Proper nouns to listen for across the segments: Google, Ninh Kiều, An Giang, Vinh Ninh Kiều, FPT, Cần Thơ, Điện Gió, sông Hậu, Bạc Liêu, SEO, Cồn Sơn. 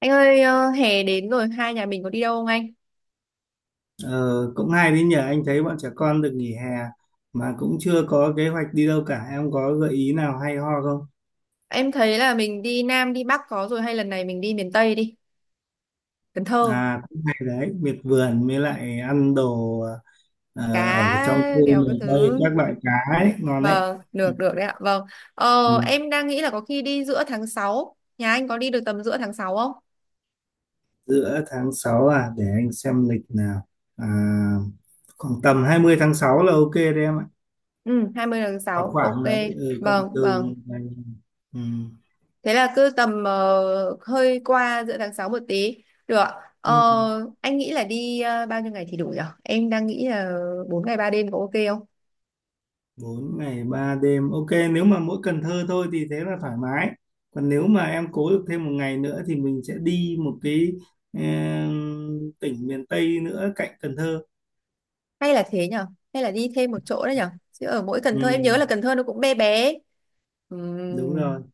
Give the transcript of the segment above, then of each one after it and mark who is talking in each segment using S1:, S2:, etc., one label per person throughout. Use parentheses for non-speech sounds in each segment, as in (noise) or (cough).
S1: Anh ơi, hè đến rồi, hai nhà mình có đi đâu không anh?
S2: Ờ, cũng hay đấy nhỉ. Anh thấy bọn trẻ con được nghỉ hè mà cũng chưa có kế hoạch đi đâu cả, em có gợi ý nào hay ho không?
S1: Em thấy là mình đi Nam, đi Bắc có rồi, hay lần này mình đi miền Tây đi. Cần Thơ,
S2: À, cũng hay đấy, miệt vườn với lại ăn đồ. ờ, Ở trong
S1: cá,
S2: khu
S1: kiểu cái
S2: miền Tây
S1: thứ.
S2: các loại cá ấy ngon đấy.
S1: Vâng, được, được đấy ạ. Vâng. Ờ,
S2: Ừ.
S1: em đang nghĩ là có khi đi giữa tháng sáu. Nhà anh có đi được tầm giữa tháng 6 không?
S2: Giữa tháng 6 à, để anh xem lịch nào. À, khoảng tầm 20 tháng 6 là ok đấy em ạ.
S1: Ừ, 20 tháng
S2: Khoảng
S1: 6. Ok.
S2: khoảng đấy, ừ, cộng
S1: Vâng,
S2: từ
S1: vâng.
S2: ngày. Ừ.
S1: Thế là cứ tầm hơi qua giữa tháng 6 một tí. Được ạ. Ờ,
S2: Ừ.
S1: anh nghĩ là đi bao nhiêu ngày thì đủ nhở? Em đang nghĩ là 4 ngày 3 đêm có ok không?
S2: 4 ngày 3 đêm ok. Nếu mà mỗi Cần Thơ thôi thì thế là thoải mái, còn nếu mà em cố được thêm một ngày nữa thì mình sẽ đi một cái em, tỉnh miền Tây nữa cạnh Cần Thơ.
S1: Hay là thế nhở, hay là đi thêm một chỗ đấy nhở, chứ ở mỗi Cần
S2: Ừ,
S1: Thơ em nhớ là Cần Thơ nó cũng bé bé.
S2: đúng rồi.
S1: Ừm,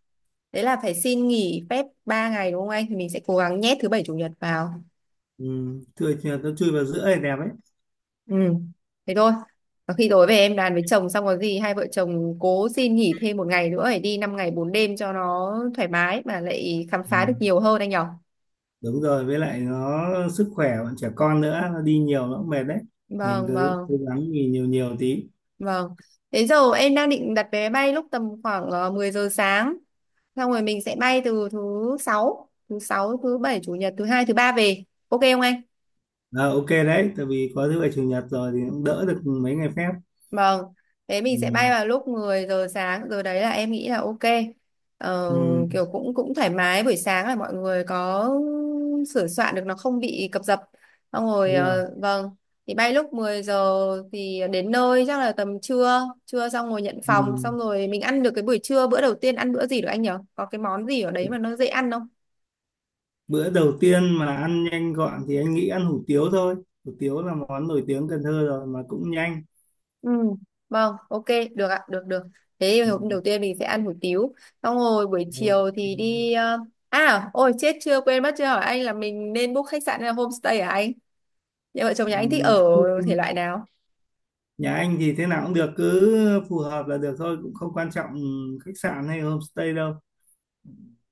S1: Đấy là phải xin nghỉ phép 3 ngày đúng không anh, thì mình sẽ cố gắng nhét thứ bảy chủ nhật vào.
S2: Ừ, chui nó chui vào giữa thì đẹp ấy.
S1: Ừ. Thế thôi, và khi tối về em đàn với chồng, xong có gì hai vợ chồng cố xin nghỉ thêm một ngày nữa để đi 5 ngày 4 đêm cho nó thoải mái mà lại khám phá được
S2: Ừ,
S1: nhiều hơn anh nhở.
S2: đúng rồi, với lại nó sức khỏe bọn trẻ con nữa, nó đi nhiều nó cũng mệt đấy. Mình
S1: Vâng,
S2: cứ cố
S1: vâng.
S2: gắng nghỉ nhiều nhiều tí.
S1: Vâng. Thế giờ em đang định đặt vé máy bay lúc tầm khoảng 10 giờ sáng. Xong rồi mình sẽ bay từ thứ sáu, thứ sáu, thứ bảy, chủ nhật, thứ hai, thứ ba về. Ok không anh?
S2: À, ok đấy, tại vì có thứ bảy chủ nhật rồi thì cũng đỡ được mấy ngày phép.
S1: Vâng, thế mình sẽ
S2: Ừ,
S1: bay vào lúc 10 giờ sáng, rồi đấy là em nghĩ là ok. Ờ,
S2: ừ,
S1: kiểu cũng cũng thoải mái buổi sáng là mọi người có sửa soạn được, nó không bị cập dập. Xong rồi
S2: đúng rồi.
S1: vâng, thì bay lúc 10 giờ thì đến nơi chắc là tầm trưa, trưa xong rồi nhận
S2: Ừ.
S1: phòng, xong rồi mình ăn được cái buổi trưa, bữa đầu tiên ăn bữa gì được anh nhỉ? Có cái món gì ở đấy mà nó dễ ăn.
S2: Bữa đầu tiên mà ăn nhanh gọn thì anh nghĩ ăn hủ tiếu thôi, hủ tiếu là món nổi tiếng Cần Thơ rồi mà cũng nhanh.
S1: Ừ, vâng, ok, được ạ, được được. Thế thì
S2: Ừ.
S1: hôm đầu tiên mình sẽ ăn hủ tiếu. Xong rồi buổi
S2: Ừ.
S1: chiều thì đi à, ôi chết, chưa quên mất chưa hỏi anh là mình nên book khách sạn hay là homestay hả anh? Nhà vợ chồng nhà anh thích
S2: Ừm,
S1: ở thể loại nào?
S2: nhà anh thì thế nào cũng được, cứ phù hợp là được thôi, cũng không quan trọng khách sạn hay homestay đâu.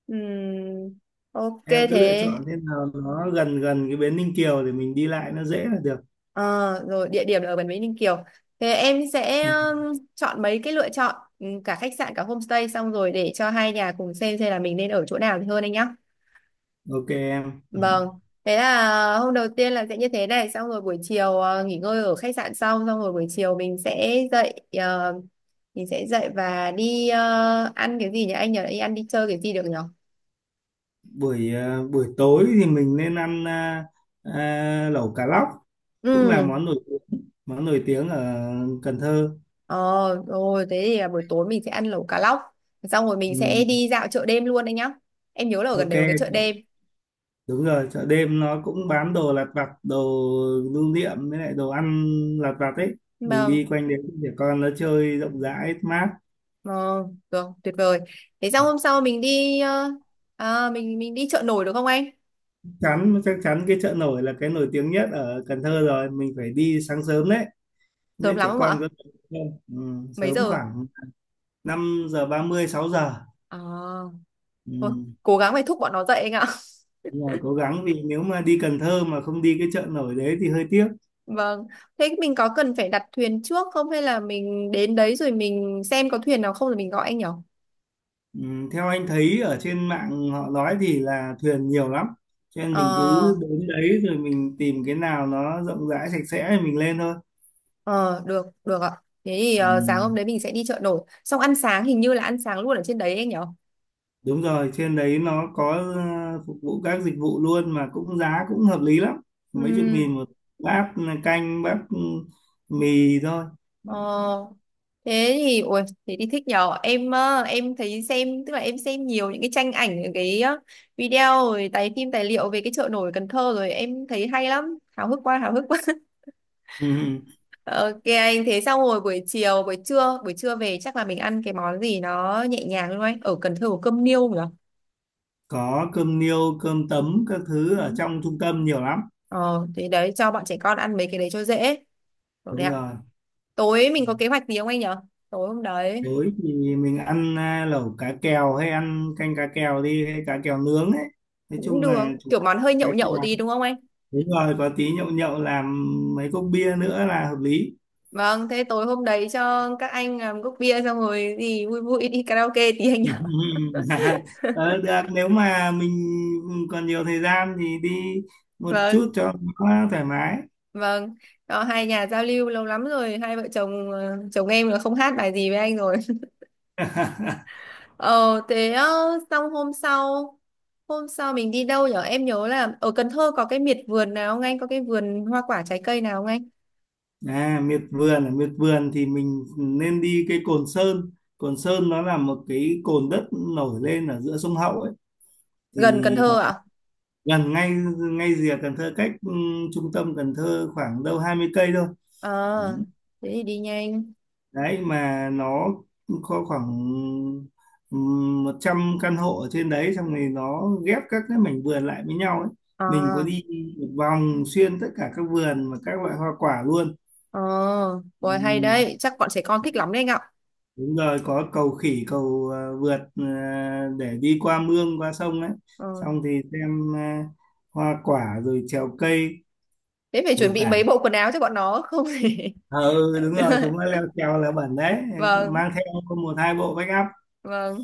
S1: Ừm, ok
S2: Em cứ lựa
S1: thế.
S2: chọn thế nào nó gần gần cái bến Ninh Kiều để mình đi lại nó dễ là được.
S1: Ờ, rồi địa điểm là ở Bản Vĩnh Ninh Kiều. Thế em sẽ
S2: Ừ.
S1: chọn mấy cái lựa chọn, cả khách sạn cả homestay, xong rồi để cho hai nhà cùng xem là mình nên ở chỗ nào thì hơn anh nhá.
S2: Ok em. Ừ.
S1: Vâng, thế là hôm đầu tiên là sẽ như thế này, xong rồi buổi chiều nghỉ ngơi ở khách sạn xong, xong rồi buổi chiều mình sẽ dậy, mình sẽ dậy và đi ăn cái gì nhỉ? Anh nhờ đi ăn đi chơi cái gì được nhỉ?
S2: Buổi tối thì mình nên ăn, lẩu cá lóc cũng là
S1: Ừ,
S2: món nổi tiếng, món nổi tiếng ở Cần Thơ.
S1: ờ, rồi thế thì là buổi tối mình sẽ ăn lẩu cá lóc, xong rồi mình sẽ
S2: Ừ,
S1: đi dạo chợ đêm luôn anh nhá. Em nhớ là ở gần
S2: ok.
S1: đấy có cái chợ đêm.
S2: Đúng rồi, chợ đêm nó cũng bán đồ lặt vặt, đồ lưu niệm với lại đồ ăn lặt vặt ấy, mình
S1: Vâng,
S2: đi quanh đấy để con nó chơi rộng rãi mát.
S1: vâng, được, tuyệt vời. Thế xong hôm sau mình đi, à, mình đi chợ nổi được không anh?
S2: Chắc chắn cái chợ nổi là cái nổi tiếng nhất ở Cần Thơ rồi, mình phải đi sáng sớm đấy, không
S1: Sớm
S2: biết
S1: lắm
S2: trẻ
S1: không ạ?
S2: con có được không. Ừ,
S1: Mấy
S2: sớm
S1: giờ?
S2: khoảng 5:30 6 giờ.
S1: À. Thôi,
S2: Ừ.
S1: cố gắng phải thúc bọn nó dậy anh ạ.
S2: Đúng rồi, cố gắng, vì nếu mà đi Cần Thơ mà không đi cái chợ nổi đấy thì hơi tiếc.
S1: (laughs) Vâng. Thế mình có cần phải đặt thuyền trước không, hay là mình đến đấy rồi mình xem có thuyền nào không rồi mình gọi anh nhỉ?
S2: Ừ, theo anh thấy ở trên mạng họ nói thì là thuyền nhiều lắm, cho nên mình
S1: Ờ,
S2: cứ đến đấy rồi mình tìm cái nào nó rộng rãi sạch sẽ thì mình lên thôi.
S1: ờ, được, được ạ. Thế thì
S2: Ừ,
S1: sáng hôm đấy mình sẽ đi chợ nổi. Xong ăn sáng, hình như là ăn sáng luôn ở trên đấy anh nhỉ?
S2: đúng rồi, trên đấy nó có phục vụ các dịch vụ luôn mà cũng giá cũng hợp lý lắm, mấy chục
S1: Ừm,
S2: nghìn một bát canh, bát mì thôi.
S1: ờ, ui, thế thì thích nhờ. Em thấy xem, tức là em xem nhiều những cái tranh ảnh, những cái video, rồi tài phim, tài liệu về cái chợ nổi Cần Thơ, rồi em thấy hay lắm. Háo hức quá, háo hức.
S2: Ừ,
S1: Ok anh, thế xong rồi buổi trưa về chắc là mình ăn cái món gì nó nhẹ nhàng đúng không anh? Ở Cần Thơ có cơm niêu nhỉ?
S2: có cơm niêu cơm tấm các thứ
S1: Ừ.
S2: ở trong trung tâm nhiều lắm.
S1: ờ Thế đấy, cho bọn trẻ con ăn mấy cái đấy cho dễ. Được đấy
S2: Đúng
S1: ạ.
S2: rồi.
S1: Tối mình có kế hoạch gì không anh nhỉ, tối hôm đấy?
S2: Tối thì mình ăn, lẩu cá kèo hay ăn canh cá kèo đi, hay cá kèo nướng ấy. Nói
S1: Cũng
S2: chung
S1: được,
S2: là chủ
S1: kiểu món
S2: đạo
S1: hơi
S2: cá
S1: nhậu nhậu
S2: kèo.
S1: tí đúng không anh?
S2: Đúng rồi, có tí nhậu nhậu làm mấy cốc bia nữa là hợp lý.
S1: Vâng, thế tối hôm đấy cho các anh làm cốc bia, xong rồi gì vui vui đi karaoke tí anh nhỉ. (laughs)
S2: (laughs) Ờ, được, nếu mà mình còn nhiều thời gian thì đi một
S1: Vâng,
S2: chút cho nó thoải mái.
S1: vâng. Đó, hai nhà giao lưu lâu lắm rồi, hai vợ chồng, chồng em là không hát bài gì với anh rồi.
S2: (laughs)
S1: Ờ thế ờ, xong hôm sau mình đi đâu nhở? Em nhớ là ở Cần Thơ có cái miệt vườn nào không anh, có cái vườn hoa quả trái cây nào không anh?
S2: À, miệt vườn, ở miệt vườn thì mình nên đi cái Cồn Sơn. Cồn Sơn nó là một cái cồn đất nổi lên ở giữa sông Hậu ấy,
S1: Gần Cần
S2: thì
S1: Thơ
S2: nó
S1: ạ?
S2: gần ngay, rìa Cần Thơ, cách trung tâm Cần Thơ khoảng đâu 20 cây thôi.
S1: ờ
S2: Ừ.
S1: Thế thì đi nhanh.
S2: Đấy, mà nó có khoảng 100 căn hộ ở trên đấy, xong rồi nó ghép các cái mảnh vườn lại với nhau ấy,
S1: Ờ,
S2: mình có đi một vòng xuyên tất cả các vườn và các loại hoa quả luôn.
S1: ờ,
S2: Ừ,
S1: rồi, hay đấy, chắc bọn trẻ con thích lắm đấy anh ạ.
S2: đúng rồi, có cầu khỉ, cầu vượt để đi qua mương qua sông ấy,
S1: ờ
S2: xong thì xem hoa quả rồi trèo cây.
S1: Thế phải chuẩn
S2: Đủ
S1: bị
S2: cả.
S1: mấy bộ quần áo cho bọn nó không thì.
S2: Ờ,
S1: (laughs)
S2: ừ, đúng
S1: Đúng
S2: rồi,
S1: rồi.
S2: chúng nó leo trèo là bẩn đấy,
S1: Vâng,
S2: mang theo một hai bộ backup.
S1: vâng.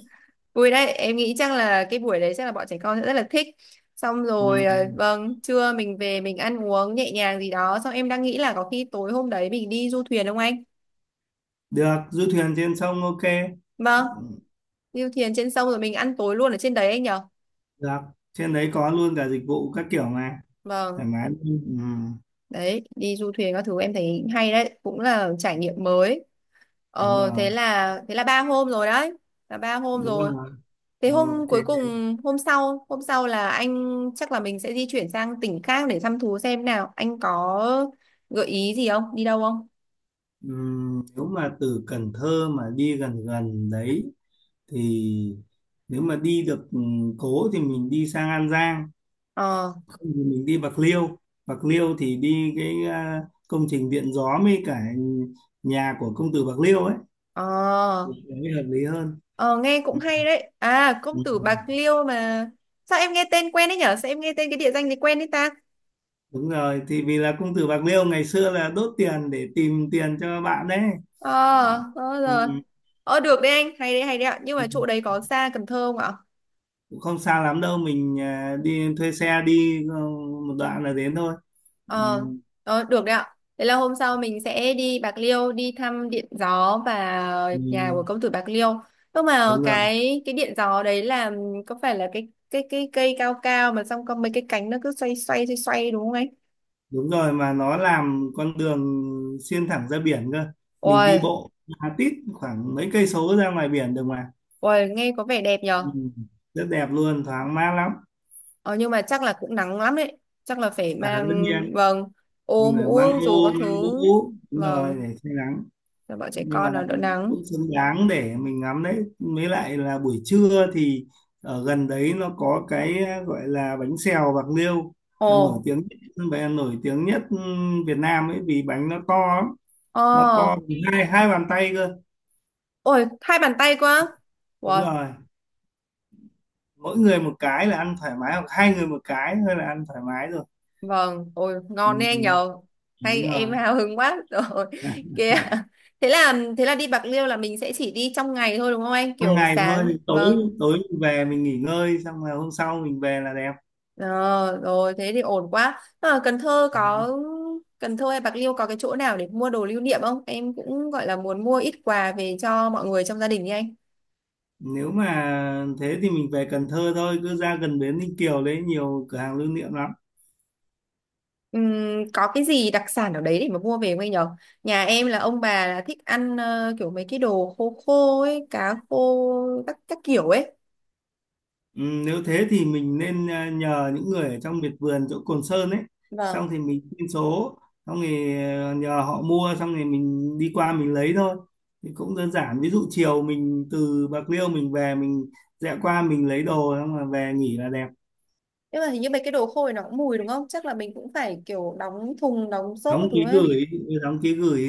S1: Vui đấy, em nghĩ chắc là cái buổi đấy chắc là bọn trẻ con sẽ rất là thích. Xong
S2: Ừ.
S1: rồi, vâng, trưa mình về mình ăn uống nhẹ nhàng gì đó. Xong em đang nghĩ là có khi tối hôm đấy mình đi du thuyền không anh?
S2: Được, du thuyền trên sông ok.
S1: Vâng,
S2: Ừ.
S1: đi du thuyền trên sông rồi mình ăn tối luôn ở trên đấy anh nhở?
S2: Được, trên đấy có luôn cả dịch vụ các kiểu mà, thoải
S1: Vâng,
S2: mái luôn. Ừ.
S1: đấy, đi du thuyền các thứ em thấy hay đấy, cũng là trải nghiệm mới.
S2: Đúng rồi.
S1: Thế là 3 hôm rồi đấy, là ba hôm
S2: Đúng
S1: rồi.
S2: rồi.
S1: Thế
S2: Ok.
S1: hôm cuối cùng, hôm sau là anh, chắc là mình sẽ di chuyển sang tỉnh khác để thăm thú, xem nào anh có gợi ý gì không, đi đâu không?
S2: Ừ. Nếu mà từ Cần Thơ mà đi gần gần đấy thì, nếu mà đi được cố thì mình đi sang An Giang,
S1: ờ
S2: mình đi Bạc Liêu. Bạc Liêu thì đi cái, công trình điện gió với cả nhà của công tử Bạc Liêu ấy
S1: ờ
S2: mới hợp lý hơn.
S1: ờ Nghe cũng
S2: Ừ.
S1: hay đấy, à công
S2: Ừ.
S1: tử
S2: Ừ.
S1: Bạc Liêu mà. Sao em nghe tên quen đấy nhở, sao em nghe tên cái địa danh này quen đấy ta?
S2: Đúng rồi, thì vì là công tử Bạc Liêu ngày xưa là đốt tiền để tìm tiền cho bạn đấy.
S1: Ờ,
S2: Ừ.
S1: ờ,
S2: Ừ.
S1: rồi. Được đấy anh, hay đấy, hay đấy ạ, nhưng
S2: Ừ.
S1: mà chỗ đấy có xa Cần Thơ không ạ?
S2: Cũng không xa lắm đâu, mình đi thuê xe đi một đoạn là đến thôi. Ừ.
S1: Ờ, ờ, được đấy ạ. Thế là hôm sau mình sẽ đi Bạc Liêu đi thăm Điện Gió và
S2: Ừ.
S1: nhà của công tử Bạc Liêu. Nhưng mà
S2: Đúng rồi.
S1: cái Điện Gió đấy là, có phải là cái cây cao cao mà xong có mấy cái cánh nó cứ xoay xoay xoay xoay đúng không ấy?
S2: Đúng rồi, mà nó làm con đường xuyên thẳng ra biển cơ, mình đi
S1: Ôi,
S2: bộ ra tít khoảng mấy cây số ra ngoài biển được mà.
S1: ôi nghe có vẻ đẹp
S2: Ừ.
S1: nhờ.
S2: Rất đẹp luôn, thoáng mát lắm.
S1: Ờ, nhưng mà chắc là cũng nắng lắm đấy. Chắc là phải
S2: À, tất
S1: mang,
S2: nhiên
S1: vâng, ô
S2: mình phải
S1: mũ
S2: mang
S1: dù có
S2: ô mang
S1: thứ,
S2: mũ, đúng rồi,
S1: vâng,
S2: để che nắng.
S1: cho bọn trẻ
S2: Nhưng mà
S1: con nó đỡ nắng.
S2: cũng xứng đáng để mình ngắm đấy, mới lại là buổi trưa thì ở gần đấy nó có cái gọi là bánh xèo Bạc Liêu là nổi
S1: Ồ,
S2: tiếng, và nổi tiếng nhất Việt Nam ấy, vì bánh nó to lắm, nó
S1: ờ,
S2: to bằng hai hai bàn tay cơ.
S1: ôi hai bàn tay quá.
S2: Đúng
S1: Wow,
S2: rồi, mỗi người một cái là ăn thoải mái, hoặc hai người một cái thôi là ăn thoải mái rồi.
S1: vâng, ôi
S2: Ừ,
S1: ngon đấy anh
S2: ừ,
S1: nhờ.
S2: đúng
S1: Hay em
S2: rồi.
S1: hào hứng quá rồi.
S2: À,
S1: (laughs) Kìa. Thế là đi Bạc Liêu là mình sẽ chỉ đi trong ngày thôi đúng không anh?
S2: ban
S1: Kiểu
S2: ngày thôi,
S1: sáng.
S2: thì tối,
S1: Vâng.
S2: tối mình về mình nghỉ ngơi xong là hôm sau mình về là đẹp.
S1: Ờ, rồi thế thì ổn quá.
S2: Ừ.
S1: Cần Thơ hay Bạc Liêu có cái chỗ nào để mua đồ lưu niệm không? Em cũng gọi là muốn mua ít quà về cho mọi người trong gia đình đi anh.
S2: Nếu mà thế thì mình về Cần Thơ thôi, cứ ra gần bến Ninh Kiều đấy nhiều cửa hàng lưu niệm lắm.
S1: Có cái gì đặc sản ở đấy để mà mua về không anh nhờ? Nhà em là ông bà là thích ăn kiểu mấy cái đồ khô khô ấy, cá khô các kiểu ấy.
S2: Ừ, nếu thế thì mình nên, nhờ những người ở trong miệt vườn chỗ Cồn Sơn ấy, xong
S1: Vâng.
S2: thì mình xin số, xong thì nhờ họ mua, xong thì mình đi qua mình lấy thôi, thì cũng đơn giản, ví dụ chiều mình từ Bạc Liêu mình về mình rẽ qua mình lấy đồ xong là về nghỉ là đẹp.
S1: Nhưng mà hình như mấy cái đồ khô này nó cũng mùi đúng không, chắc là mình cũng phải kiểu đóng thùng đóng xốp các
S2: Đóng
S1: thứ
S2: ký
S1: ấy.
S2: gửi, đóng ký gửi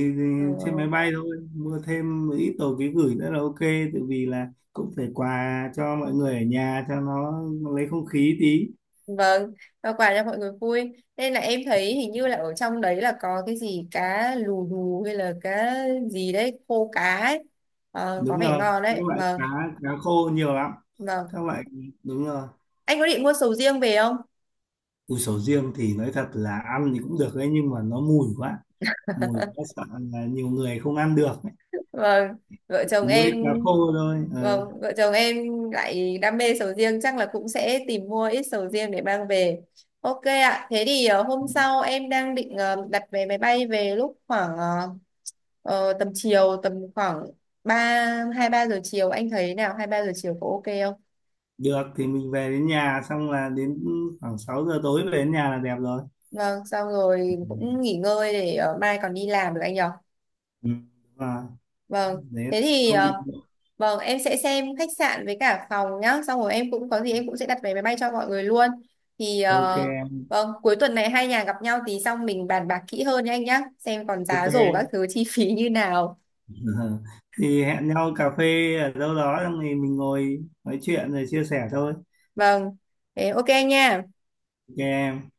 S2: trên máy
S1: Ừ.
S2: bay thôi, mua thêm một ít đồ ký gửi nữa là ok, tại vì là cũng phải quà cho mọi người ở nhà cho nó lấy không khí tí.
S1: Vâng, và quà cho mọi người vui, nên là em thấy hình như là ở trong đấy là có cái gì cá lù lù hay là cá gì đấy, khô cá ấy. Ờ, có
S2: Đúng
S1: vẻ
S2: rồi,
S1: ngon
S2: các
S1: đấy,
S2: loại
S1: vâng.
S2: cá, cá khô nhiều lắm,
S1: Vâng.
S2: các loại. Đúng rồi.
S1: Anh có định mua sầu riêng về không?
S2: Củ sầu riêng thì nói thật là ăn thì cũng được đấy, nhưng mà nó mùi quá, mùi quá sợ, là nhiều người không ăn được ấy.
S1: Vâng, vợ
S2: Chỉ
S1: chồng
S2: mỗi
S1: em.
S2: cá khô thôi. Ờ.
S1: Vâng, vợ chồng em lại đam mê sầu riêng, chắc là cũng sẽ tìm mua ít sầu riêng để mang về. Ok ạ, thế thì hôm sau em đang định đặt vé máy bay về lúc khoảng tầm chiều, tầm khoảng ba hai ba giờ chiều, anh thấy nào, 2-3 giờ chiều có ok không?
S2: Được, thì mình về đến nhà xong là đến khoảng 6 giờ tối về đến nhà là đẹp rồi.
S1: Vâng, xong rồi
S2: Ừ.
S1: cũng nghỉ ngơi để mai còn đi làm được anh nhỉ.
S2: Ừ, đúng rồi.
S1: Vâng,
S2: Đấy,
S1: thế thì
S2: không bị muộn.
S1: vâng em sẽ xem khách sạn với cả phòng nhá, xong rồi em cũng có gì em cũng sẽ đặt vé máy bay cho mọi người luôn. Thì
S2: Ok em.
S1: vâng, cuối tuần này hai nhà gặp nhau thì xong mình bàn bạc kỹ hơn nha anh nhá, xem còn
S2: Ok.
S1: giá rổ các
S2: (laughs)
S1: thứ chi phí như nào.
S2: Ờ. Thì hẹn nhau cà phê ở đâu đó xong thì mình ngồi nói chuyện rồi chia sẻ thôi.
S1: Vâng, thế ok anh nha.
S2: Ok em.